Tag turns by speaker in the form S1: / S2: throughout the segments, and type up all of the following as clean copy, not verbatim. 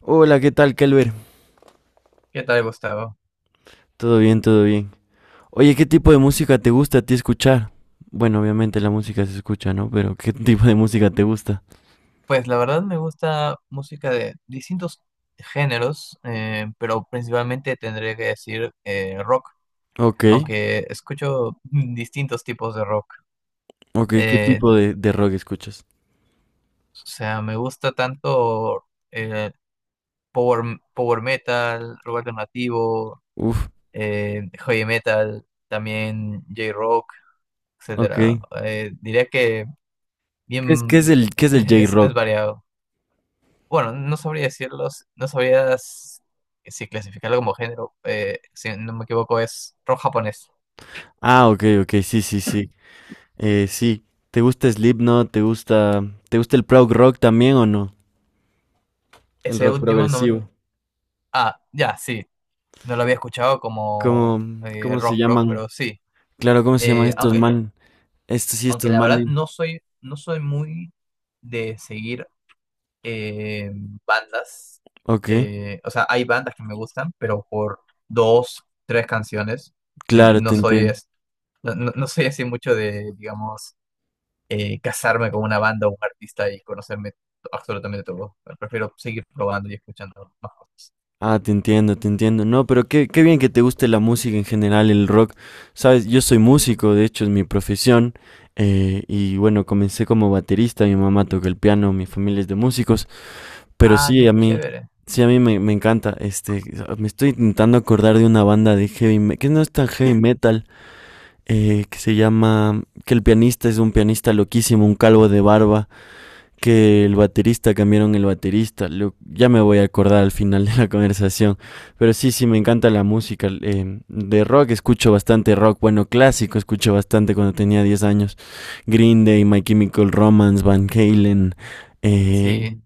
S1: Hola, ¿qué tal, Kelber?
S2: ¿Qué tal, Gustavo?
S1: Todo bien, todo bien. Oye, ¿qué tipo de música te gusta a ti escuchar? Bueno, obviamente la música se escucha, ¿no? Pero ¿qué tipo de música te gusta?
S2: Pues la verdad me gusta música de distintos géneros, pero principalmente tendré que decir rock,
S1: Ok,
S2: aunque escucho distintos tipos de rock.
S1: ok, ¿qué
S2: Eh,
S1: tipo de rock escuchas?
S2: o sea, me gusta tanto eh, power metal, rock alternativo,
S1: Uf,
S2: heavy metal, también J-rock,
S1: ok.
S2: etcétera.
S1: ¿Qué
S2: Diría que
S1: es, qué
S2: bien
S1: es el, qué es el
S2: es
S1: J-Rock?
S2: variado. Bueno, no sabría decirlo, no sabría si clasificarlo como género. Si no me equivoco, es rock japonés.
S1: Ah, ok, ok, sí, sí, sí. Sí. ¿Te gusta Slipknot? ¿Te gusta el prog rock también o no? El
S2: Ese
S1: rock
S2: último no.
S1: progresivo.
S2: Ah, ya, sí. No lo había escuchado como
S1: ¿Cómo, cómo se
S2: rock rock,
S1: llaman?
S2: pero sí.
S1: Claro, ¿cómo se llaman
S2: Eh,
S1: estos
S2: aunque,
S1: man? Estos sí, estos
S2: aunque la verdad
S1: manes.
S2: no soy muy de seguir eh, bandas.
S1: Ok,
S2: O sea, hay bandas que me gustan, pero por dos, tres canciones. En-
S1: claro,
S2: No
S1: te
S2: soy,
S1: entiendo.
S2: es- no, no no soy así mucho de, digamos. Casarme con una banda o un artista y conocerme absolutamente todo. Prefiero seguir probando y escuchando más cosas.
S1: Ah, te entiendo, te entiendo. No, pero qué bien que te guste la música en general, el rock. Sabes, yo soy músico, de hecho es mi profesión. Y bueno, comencé como baterista, mi mamá toca el piano, mi familia es de músicos. Pero
S2: Ah, qué chévere.
S1: sí, a mí me encanta. Este, me estoy intentando acordar de una banda de heavy metal, que no es tan heavy metal, que se llama, que el pianista es un pianista loquísimo, un calvo de barba que el baterista cambiaron el baterista. Ya me voy a acordar al final de la conversación. Pero sí, sí, me encanta la música. De rock escucho bastante rock. Bueno, clásico escucho bastante cuando tenía 10 años. Green Day, My Chemical Romance, Van Halen. eh,
S2: Sí.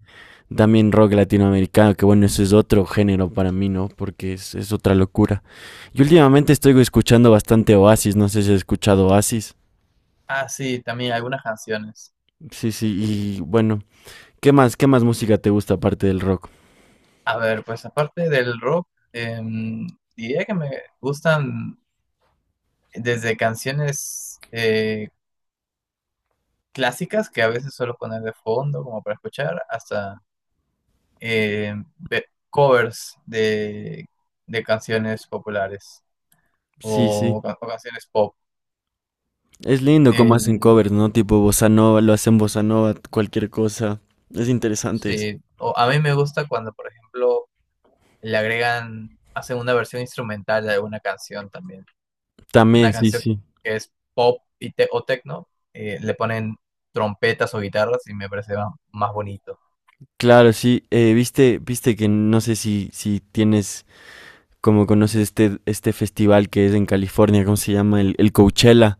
S1: También rock latinoamericano, que bueno, eso es otro género para mí, ¿no? Porque es, otra locura. Y últimamente estoy escuchando bastante Oasis. No sé si has escuchado Oasis.
S2: Ah, sí, también algunas canciones.
S1: Sí, sí, y bueno. Qué más música te gusta aparte del rock?
S2: A ver, pues aparte del rock, diría que me gustan desde canciones clásicas que a veces suelo poner de fondo como para escuchar, hasta covers de canciones populares
S1: Sí,
S2: o,
S1: sí.
S2: ca- o canciones pop.
S1: Es lindo cómo hacen
S2: En-
S1: covers, ¿no? Tipo bossa nova, lo hacen bossa nova, cualquier cosa. Es interesante esto.
S2: Sí, o a mí me gusta cuando, por ejemplo, le agregan, hacen una versión instrumental de alguna canción también. Una
S1: También, sí,
S2: canción
S1: sí.
S2: que es pop y o techno, le ponen trompetas o guitarras y me parece más, bonito.
S1: Claro, sí. Viste, viste que no sé si, si tienes, como conoces este, este festival que es en California, ¿cómo se llama? El Coachella.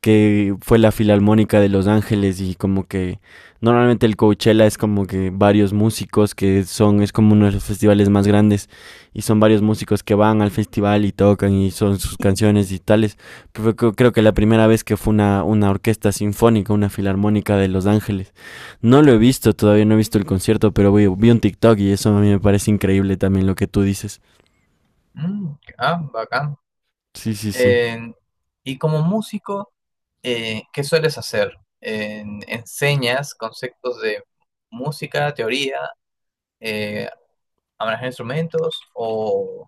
S1: Que fue la Filarmónica de Los Ángeles y como que normalmente el Coachella es como que varios músicos que son, es como uno de los festivales más grandes y son varios músicos que van al festival y tocan y son sus canciones y tales. Pero creo, que la primera vez que fue una orquesta sinfónica, una Filarmónica de Los Ángeles. No lo he visto, todavía no he visto el concierto, pero vi, un TikTok y eso a mí me parece increíble también lo que tú dices.
S2: Mm, ah, bacán.
S1: Sí, sí, sí.
S2: En- y como músico, ¿qué sueles hacer? ¿Enseñas conceptos de música, teoría, eh, a manejar instrumentos o,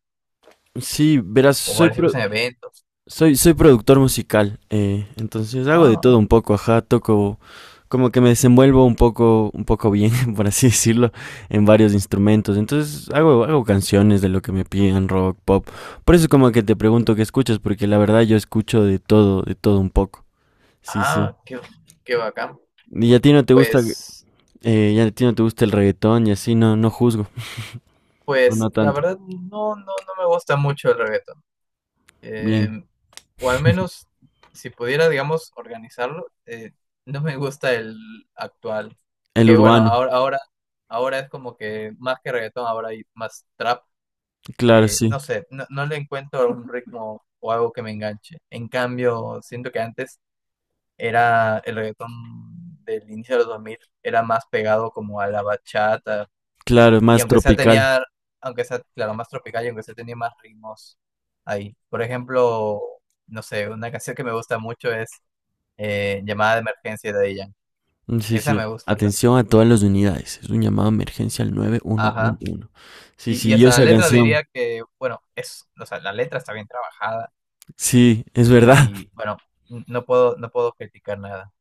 S1: Sí, verás,
S2: o
S1: soy pro
S2: participas en eventos?
S1: Soy, soy productor musical, entonces hago de
S2: Ah.
S1: todo un poco, ajá, toco, como que me desenvuelvo un poco bien, por así decirlo, en varios instrumentos. Entonces hago canciones de lo que me piden, rock, pop. Por eso como que te pregunto qué escuchas, porque la verdad yo escucho de todo un poco. Sí, sí.
S2: Ah, qué bacán.
S1: Y a ti no te gusta,
S2: Pues,
S1: ya a ti no te gusta el reggaetón y así, no, no juzgo, o no
S2: pues, la
S1: tanto.
S2: verdad no, no, no me gusta mucho el reggaetón.
S1: Bien.
S2: Eh, o al menos, si pudiera, digamos, organizarlo, no me gusta el actual.
S1: El
S2: Que bueno,
S1: urbano,
S2: ahora es como que más que reggaetón, ahora hay más trap,
S1: claro,
S2: que
S1: sí,
S2: no sé, no, no le encuentro un ritmo o algo que me enganche. En cambio, siento que antes era el reggaetón del inicio de los 2000 era más pegado como a la bachata.
S1: claro,
S2: Y
S1: más
S2: aunque sea
S1: tropical.
S2: tenía, aunque sea, claro, más tropical y aunque sea tenía más ritmos ahí. Por ejemplo, no sé, una canción que me gusta mucho es Llamada de Emergencia de Daddy Yankee.
S1: Mm, sí,
S2: Esa
S1: sí.
S2: me gusta.
S1: Atención a todas las unidades. Es un llamado de emergencia al
S2: Ajá.
S1: 911. Sí,
S2: Y
S1: sí, yo
S2: hasta la
S1: esa
S2: letra diría
S1: canción.
S2: que, bueno, o sea, la letra está bien trabajada
S1: Sí, es verdad.
S2: y, bueno, no puedo criticar nada.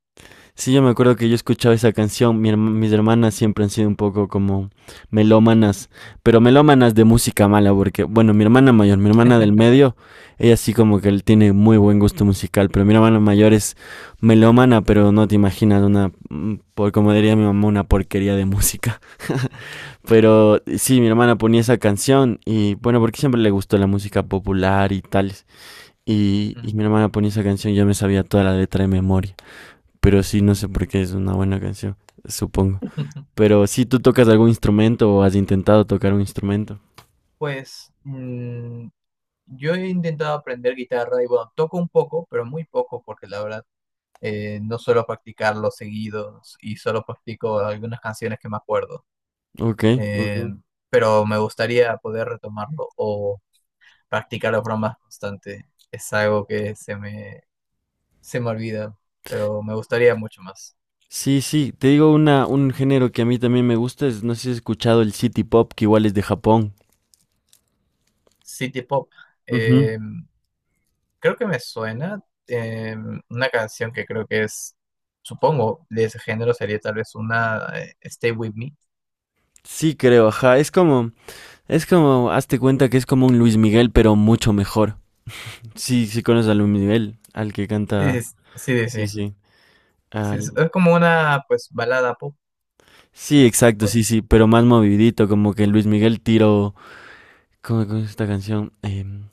S1: Sí, yo me acuerdo que yo escuchaba esa canción. Mis hermanas siempre han sido un poco como melómanas, pero melómanas de música mala, porque, bueno, mi hermana mayor, mi hermana del medio, ella sí como que él tiene muy buen gusto musical, pero mi hermana mayor es melómana, pero no te imaginas una, por como diría mi mamá, una porquería de música. Pero sí, mi hermana ponía esa canción y bueno, porque siempre le gustó la música popular y tales. Y
S2: Mm.
S1: mi hermana ponía esa canción, y yo me sabía toda la letra de memoria. Pero sí, no sé por qué es una buena canción, supongo. Pero sí, tú tocas algún instrumento o has intentado tocar un instrumento.
S2: Pues yo he intentado aprender guitarra y, bueno, toco un poco, pero muy poco, porque la verdad no suelo practicarlo seguido y solo practico algunas canciones que me acuerdo.
S1: Ok. Ujú.
S2: Eh, pero me gustaría poder retomarlo o practicarlo de forma más constante. Es algo que se me olvida, pero me gustaría mucho más.
S1: Sí, sí, te digo un género que a mí también me gusta, es, no sé si has escuchado el City Pop, que igual es de Japón.
S2: City Pop.
S1: Ujú.
S2: eh, Creo que me suena eh, una canción que creo que es, supongo, de ese género sería tal vez una Stay With Me.
S1: Sí, creo, ajá, es como, hazte cuenta que es como un Luis Miguel, pero mucho mejor. Sí, sí conoces a Luis Miguel, al que canta.
S2: Sí, sí, sí. Sí,
S1: Sí,
S2: sí.
S1: sí.
S2: Sí,
S1: Al...
S2: es como una pues balada pop.
S1: Sí, exacto,
S2: o-
S1: sí, sí, pero más movidito, como que Luis Miguel tiró. ¿Cómo es esta canción?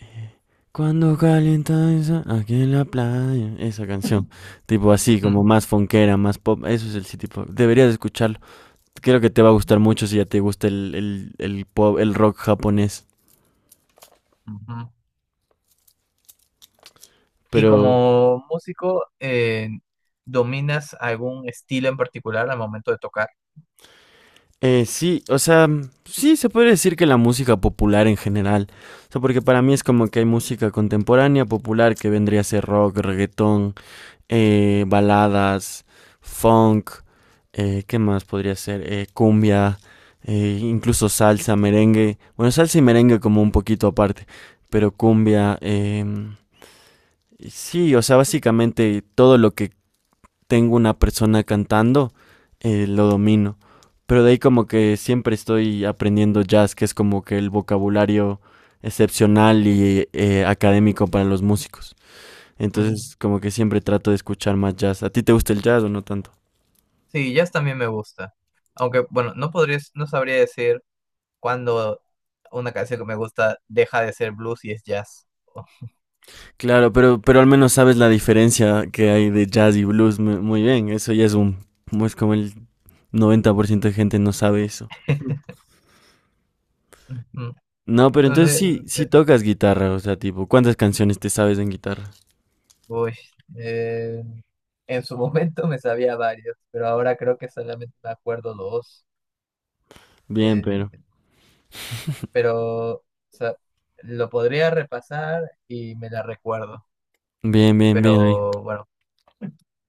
S1: eh, Cuando calienta esa, aquí en la playa, esa canción. Tipo así,
S2: mm.
S1: como más funkera, más pop. Eso es el sí, tipo. Deberías escucharlo. Creo que te va a gustar mucho si ya te gusta el pop, el rock japonés.
S2: Ujú. Y
S1: Pero
S2: como músico, ¿dominas algún estilo en particular al momento de tocar?
S1: Sí, o sea, sí se puede decir que la música popular en general, o sea, porque para mí es como que hay música contemporánea popular que vendría a ser rock, reggaetón, baladas, funk, ¿qué más podría ser? Cumbia, incluso salsa, merengue, bueno, salsa y merengue como un poquito aparte, pero cumbia, sí, o sea, básicamente todo lo que tengo una persona cantando, lo domino. Pero de ahí como que siempre estoy aprendiendo jazz, que es como que el vocabulario excepcional y académico para los músicos.
S2: Ujú.
S1: Entonces como que siempre trato de escuchar más jazz. ¿A ti te gusta el jazz o no tanto?
S2: Sí, jazz también me gusta. Aunque, bueno, no podría, no sabría decir cuándo una canción que me gusta deja de ser blues y es jazz.
S1: Claro, pero al menos sabes la diferencia que hay de jazz y blues muy, muy bien. Eso ya es un... Es como el 90% de gente no sabe eso.
S2: Ujú.
S1: No, pero entonces
S2: Entonces,
S1: sí, sí
S2: me-
S1: tocas guitarra, o sea, tipo, ¿cuántas canciones te sabes en guitarra?
S2: uy, eh, en su momento me sabía varios, pero ahora creo que solamente me acuerdo dos.
S1: Bien, pero...
S2: Eh, pero o sea, lo podría repasar y me la recuerdo.
S1: Bien, bien, bien ahí.
S2: Pero bueno,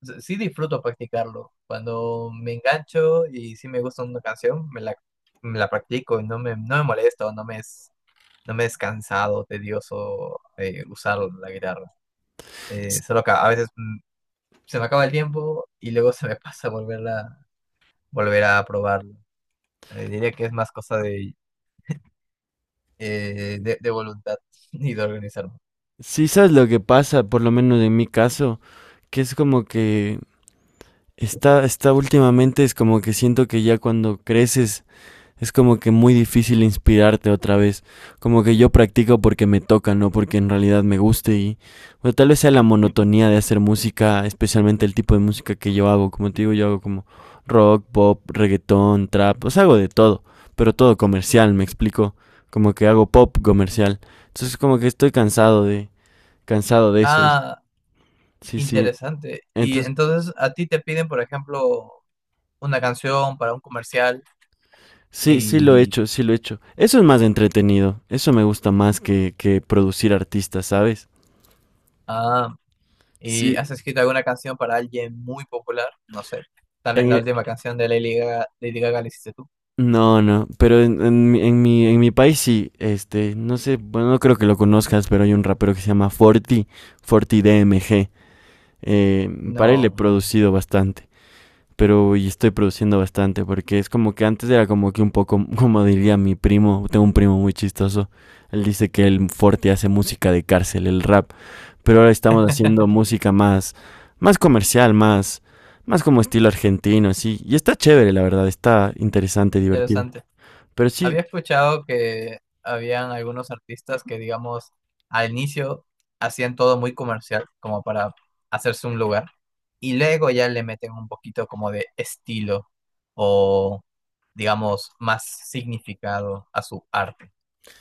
S2: sí disfruto practicarlo. Cuando me engancho y sí me gusta una canción, me la practico y no me molesta o no me es cansado, tedioso usar la guitarra.
S1: S-
S2: Solo que a veces se me acaba el tiempo y luego se me pasa volver a probarlo. Diría que es más cosa de voluntad y de organizarme.
S1: Sí, sabes lo que pasa, por lo menos en mi caso, que es como que está, últimamente, es como que siento que ya cuando creces es como que muy difícil inspirarte otra vez. Como que yo practico porque me toca, no porque en realidad me guste y bueno, tal vez sea la monotonía de hacer música, especialmente el tipo de música que yo hago. Como te digo, yo hago como rock, pop, reggaetón, trap, o sea, hago de todo, pero todo comercial, me explico. Como que hago pop comercial. Entonces como que estoy cansado de eso.
S2: Ah,
S1: Sí, sí.
S2: interesante. Y
S1: Entonces
S2: entonces a ti te piden, por ejemplo, una canción para un comercial.
S1: sí, sí lo he
S2: Y,
S1: hecho, sí lo he hecho. Eso es más entretenido. Eso me gusta más que producir artistas, ¿sabes?
S2: ah, y
S1: Sí,
S2: has escrito alguna canción para alguien muy popular, no sé. Tal
S1: en
S2: vez la
S1: e-
S2: última canción de Lady Gaga, Lady Gaga la hiciste tú.
S1: no, no, pero en mi país sí, este, no sé, bueno, no creo que lo conozcas, pero hay un rapero que se llama Forti, Forti DMG, para él he
S2: No,
S1: producido bastante, pero y estoy produciendo bastante, porque es como que antes era como que un poco, como diría mi primo, tengo un primo muy chistoso, él dice que el Forti hace música de cárcel, el rap pero ahora estamos haciendo música más, más comercial, más, más como estilo argentino, así. Y está chévere, la verdad, está interesante, divertido.
S2: interesante.
S1: Pero sí,
S2: Había escuchado que habían algunos artistas que, digamos, al inicio hacían todo muy comercial, como para hacerse un lugar, y luego ya le meten un poquito como de estilo o, digamos, más significado a su arte.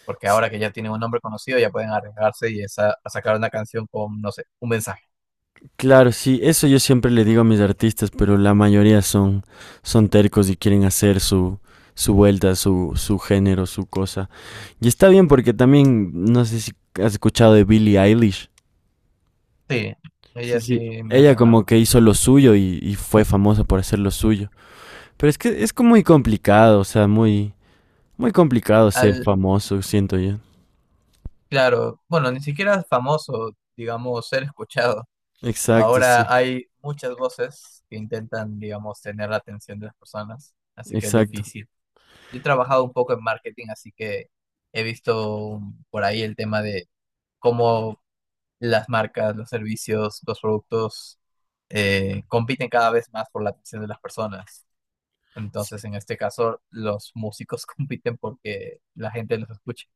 S2: Porque
S1: s-
S2: ahora que ya tienen un nombre conocido ya pueden arriesgarse y a sacar una canción con, no sé, un mensaje.
S1: claro, sí, eso yo siempre le digo a mis artistas, pero la mayoría son, tercos y quieren hacer su, su, vuelta, su género, su cosa. Y está bien porque también, no sé si has escuchado de Billie Eilish.
S2: Sí,
S1: Sí,
S2: ella sí
S1: sí.
S2: me ha
S1: Ella como
S2: sonado.
S1: que hizo lo suyo y fue famosa por hacer lo suyo. Pero es que es como muy complicado, o sea, muy... Muy complicado ser
S2: Al,
S1: famoso, siento yo.
S2: claro, bueno, ni siquiera es famoso, digamos, ser escuchado.
S1: Exacto, sí,
S2: Ahora hay muchas voces que intentan, digamos, tener la atención de las personas, así que es
S1: exacto.
S2: difícil. Yo he trabajado un poco en marketing, así que he visto por ahí el tema de cómo las marcas, los servicios, los productos compiten cada vez más por la atención de las personas. Entonces, en este caso, los músicos compiten porque la gente los escuche.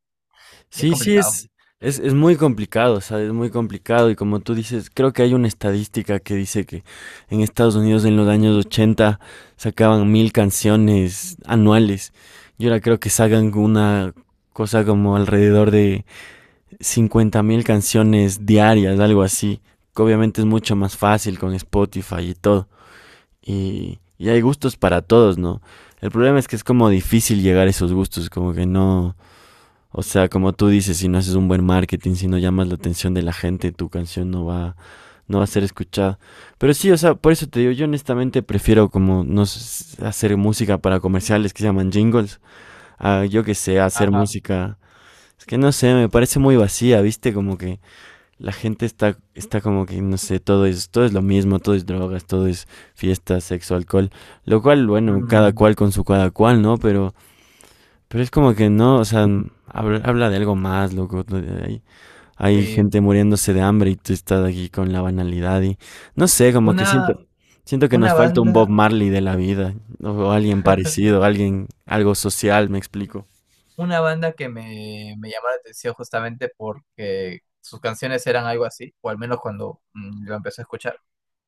S2: Y es
S1: Sí, sí,
S2: complicado.
S1: es, es muy complicado, ¿sabes? Es muy complicado y como tú dices, creo que hay una estadística que dice que en Estados Unidos en los años 80 sacaban 1000 canciones anuales y ahora creo que sacan una cosa como alrededor de 50 mil canciones diarias, algo así. Que obviamente es mucho más fácil con Spotify y todo. Y hay gustos para todos, ¿no? El problema es que es como difícil llegar a esos gustos, como que no, o sea, como tú dices, si no haces un buen marketing, si no llamas la atención de la gente, tu canción no va, a ser escuchada. Pero sí, o sea, por eso te digo, yo honestamente prefiero como no s- hacer música para comerciales que se llaman jingles, a yo que sé, hacer
S2: Ajá.
S1: música, es que no sé, me parece muy vacía, ¿viste? Como que la gente está, como que, no sé, todo es lo mismo, todo es drogas, todo es fiesta, sexo, alcohol, lo cual, bueno, cada
S2: Mm,
S1: cual con su cada cual, ¿no? Pero es como que no, o sea, habla, de algo más, loco. Hay, hay
S2: sí.
S1: gente muriéndose de hambre y tú estás aquí con la banalidad y, no sé, como que siento,
S2: Una,
S1: siento que
S2: una
S1: nos falta un Bob
S2: banda,
S1: Marley de la vida, o alguien parecido, alguien, algo social, me explico.
S2: una banda que me llamó la atención justamente porque sus canciones eran algo así, o al menos cuando lo empecé a escuchar,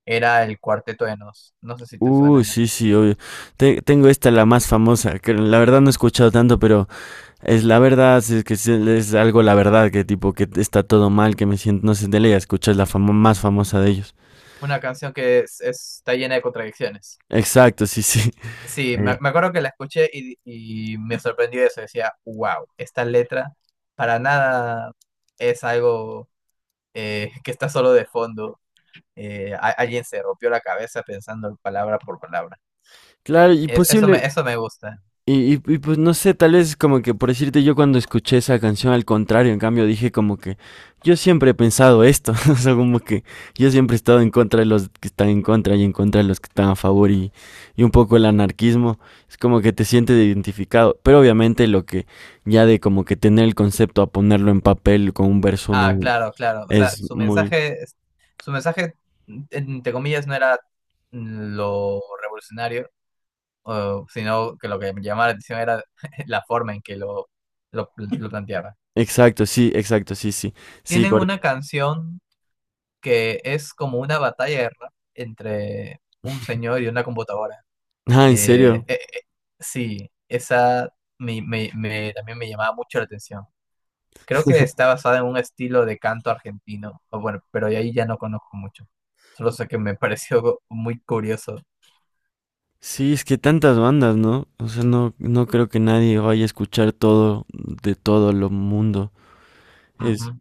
S2: era el Cuarteto de Nos. No sé si te
S1: Uy,
S2: suena.
S1: sí, sí, obvio. Tengo esta, la más famosa, que la verdad no he escuchado tanto, pero es la verdad, si es que es algo la verdad, que tipo que está todo mal, que me siento, no sé, de ley, escuchas la fama más famosa de ellos.
S2: Una canción que está llena de contradicciones.
S1: Exacto, sí, sí.
S2: Sí, me,
S1: Eh,
S2: me acuerdo que la escuché y me sorprendió eso. Decía, wow, esta letra para nada es algo que está solo de fondo. Alguien se rompió la cabeza pensando palabra por palabra.
S1: Claro, y
S2: Es, eso me,
S1: posible.
S2: eso me gusta.
S1: Pues no sé, tal vez como que por decirte yo cuando escuché esa canción al contrario, en cambio dije como que yo siempre he pensado esto, o sea, como que yo siempre he estado en contra de los que están en contra y en contra de los que están a favor y un poco el anarquismo, es como que te sientes identificado, pero obviamente lo que ya de como que tener el concepto a ponerlo en papel con un verso
S2: Ah, claro, claro. O sea,
S1: es
S2: su
S1: muy...
S2: mensaje, su mensaje, entre comillas, no era lo revolucionario, sino que lo que me llamaba la atención era la forma en que lo planteaba.
S1: Exacto, sí, exacto, sí, sí, sí,
S2: Tienen una canción que es como una batalla de rap entre un señor y una computadora.
S1: ah, ¿en
S2: Eh,
S1: serio?
S2: eh, eh, sí, esa también me llamaba mucho la atención. Creo que está basada en un estilo de canto argentino, o bueno, pero ahí ya no conozco mucho. Solo sé que me pareció muy curioso.
S1: Sí, es que tantas bandas, ¿no? O sea, no, no creo que nadie vaya a escuchar todo de todo el mundo. Es,
S2: Ujú.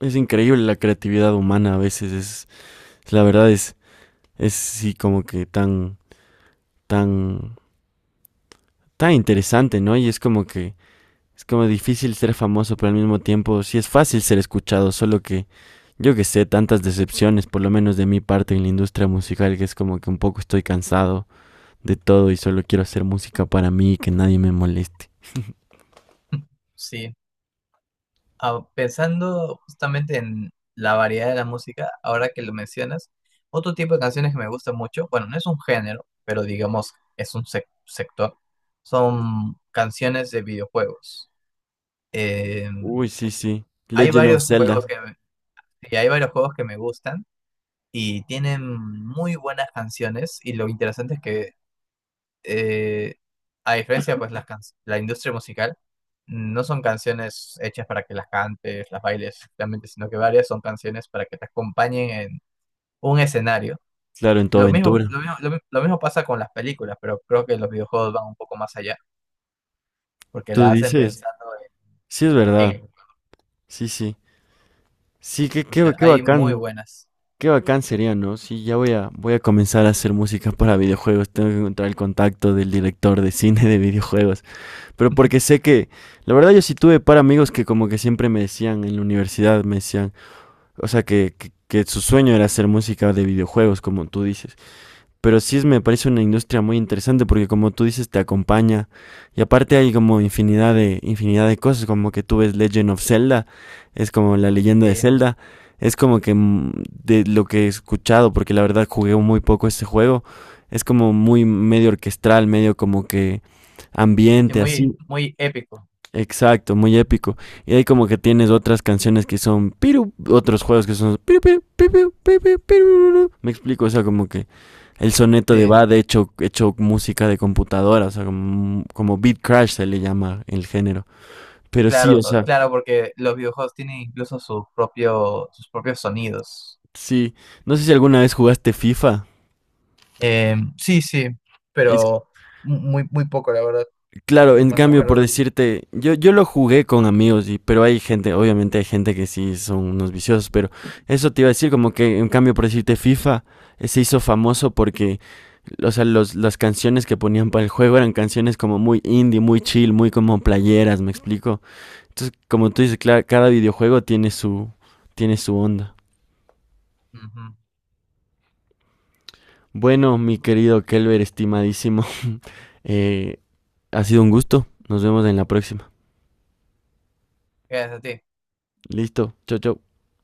S1: es increíble la creatividad humana a veces. Es, la verdad es sí como que tan, tan, tan interesante, ¿no? Y es como que, es como difícil ser famoso, pero al mismo tiempo sí es fácil ser escuchado, solo que, yo que sé, tantas decepciones, por lo menos de mi parte en la industria musical, que es como que un poco estoy cansado de todo y solo quiero hacer música para mí y que nadie me moleste.
S2: Sí. Ah, pensando justamente en la variedad de la música, ahora que lo mencionas, otro tipo de canciones que me gusta mucho, bueno, no es un género, pero digamos es un sector, son canciones de videojuegos. Eh,
S1: Uy, sí, sí.
S2: hay
S1: Legend of
S2: varios
S1: Zelda.
S2: juegos que me- Y hay varios juegos que me gustan y tienen muy buenas canciones y lo interesante es que eh, a diferencia, pues, la industria musical no son canciones hechas para que las cantes, las bailes, realmente, sino que varias son canciones para que te acompañen en un escenario.
S1: Claro, en tu
S2: Lo mismo,
S1: aventura.
S2: lo mismo, lo mi- lo mismo pasa con las películas, pero creo que los videojuegos van un poco más allá, porque
S1: Tú
S2: la hacen
S1: dices,
S2: pensando
S1: sí es
S2: en
S1: verdad.
S2: el.
S1: Sí, sí. Sí,
S2: Y
S1: qué, qué,
S2: pucha,
S1: qué
S2: hay muy
S1: bacán.
S2: buenas,
S1: Qué bacán sería, ¿no? Sí, ya voy a, voy a comenzar a hacer música para videojuegos. Tengo que encontrar el contacto del director de cine de videojuegos. Pero porque sé que, la verdad yo sí tuve para amigos que como que siempre me decían en la universidad, me decían, o sea, que su sueño era hacer música de videojuegos, como tú dices. Pero sí es, me parece una industria muy interesante porque como tú dices te acompaña y aparte hay como infinidad de cosas como que tú ves Legend of Zelda, es como la leyenda de
S2: sí,
S1: Zelda, es como que de lo que he escuchado porque la verdad jugué muy poco este juego, es como muy medio orquestral medio como que
S2: sí,
S1: ambiente así.
S2: muy, muy épico,
S1: Exacto, muy épico. Y ahí como que tienes otras canciones que son piru, otros juegos que son piru, piru, piru, piru, piru. Me explico, o sea, como que el soneto de
S2: sí.
S1: Bad hecho música de computadora, o sea, como, como beat crash se le llama el género. Pero sí,
S2: Claro,
S1: o sea,
S2: claro, porque los videojuegos tienen incluso su propio, sus propios sonidos.
S1: sí. No sé si alguna vez jugaste FIFA.
S2: Sí, sí, pero muy, muy poco, la verdad.
S1: Claro,
S2: No
S1: en
S2: me
S1: cambio, por
S2: acuerdo.
S1: decirte, yo lo jugué con amigos, y, pero hay gente, obviamente hay gente que sí son unos viciosos, pero eso te iba a decir, como que en cambio, por decirte, FIFA se hizo famoso porque, o sea, los, las canciones que ponían para el juego eran canciones como muy indie, muy chill, muy como playeras, ¿me explico? Entonces, como tú dices, claro, cada videojuego tiene su onda.
S2: Ujú.
S1: Bueno, mi querido Kelber, estimadísimo, eh, ha sido un gusto, nos vemos en la próxima.
S2: Gracias a ti.
S1: Listo, chau, chau.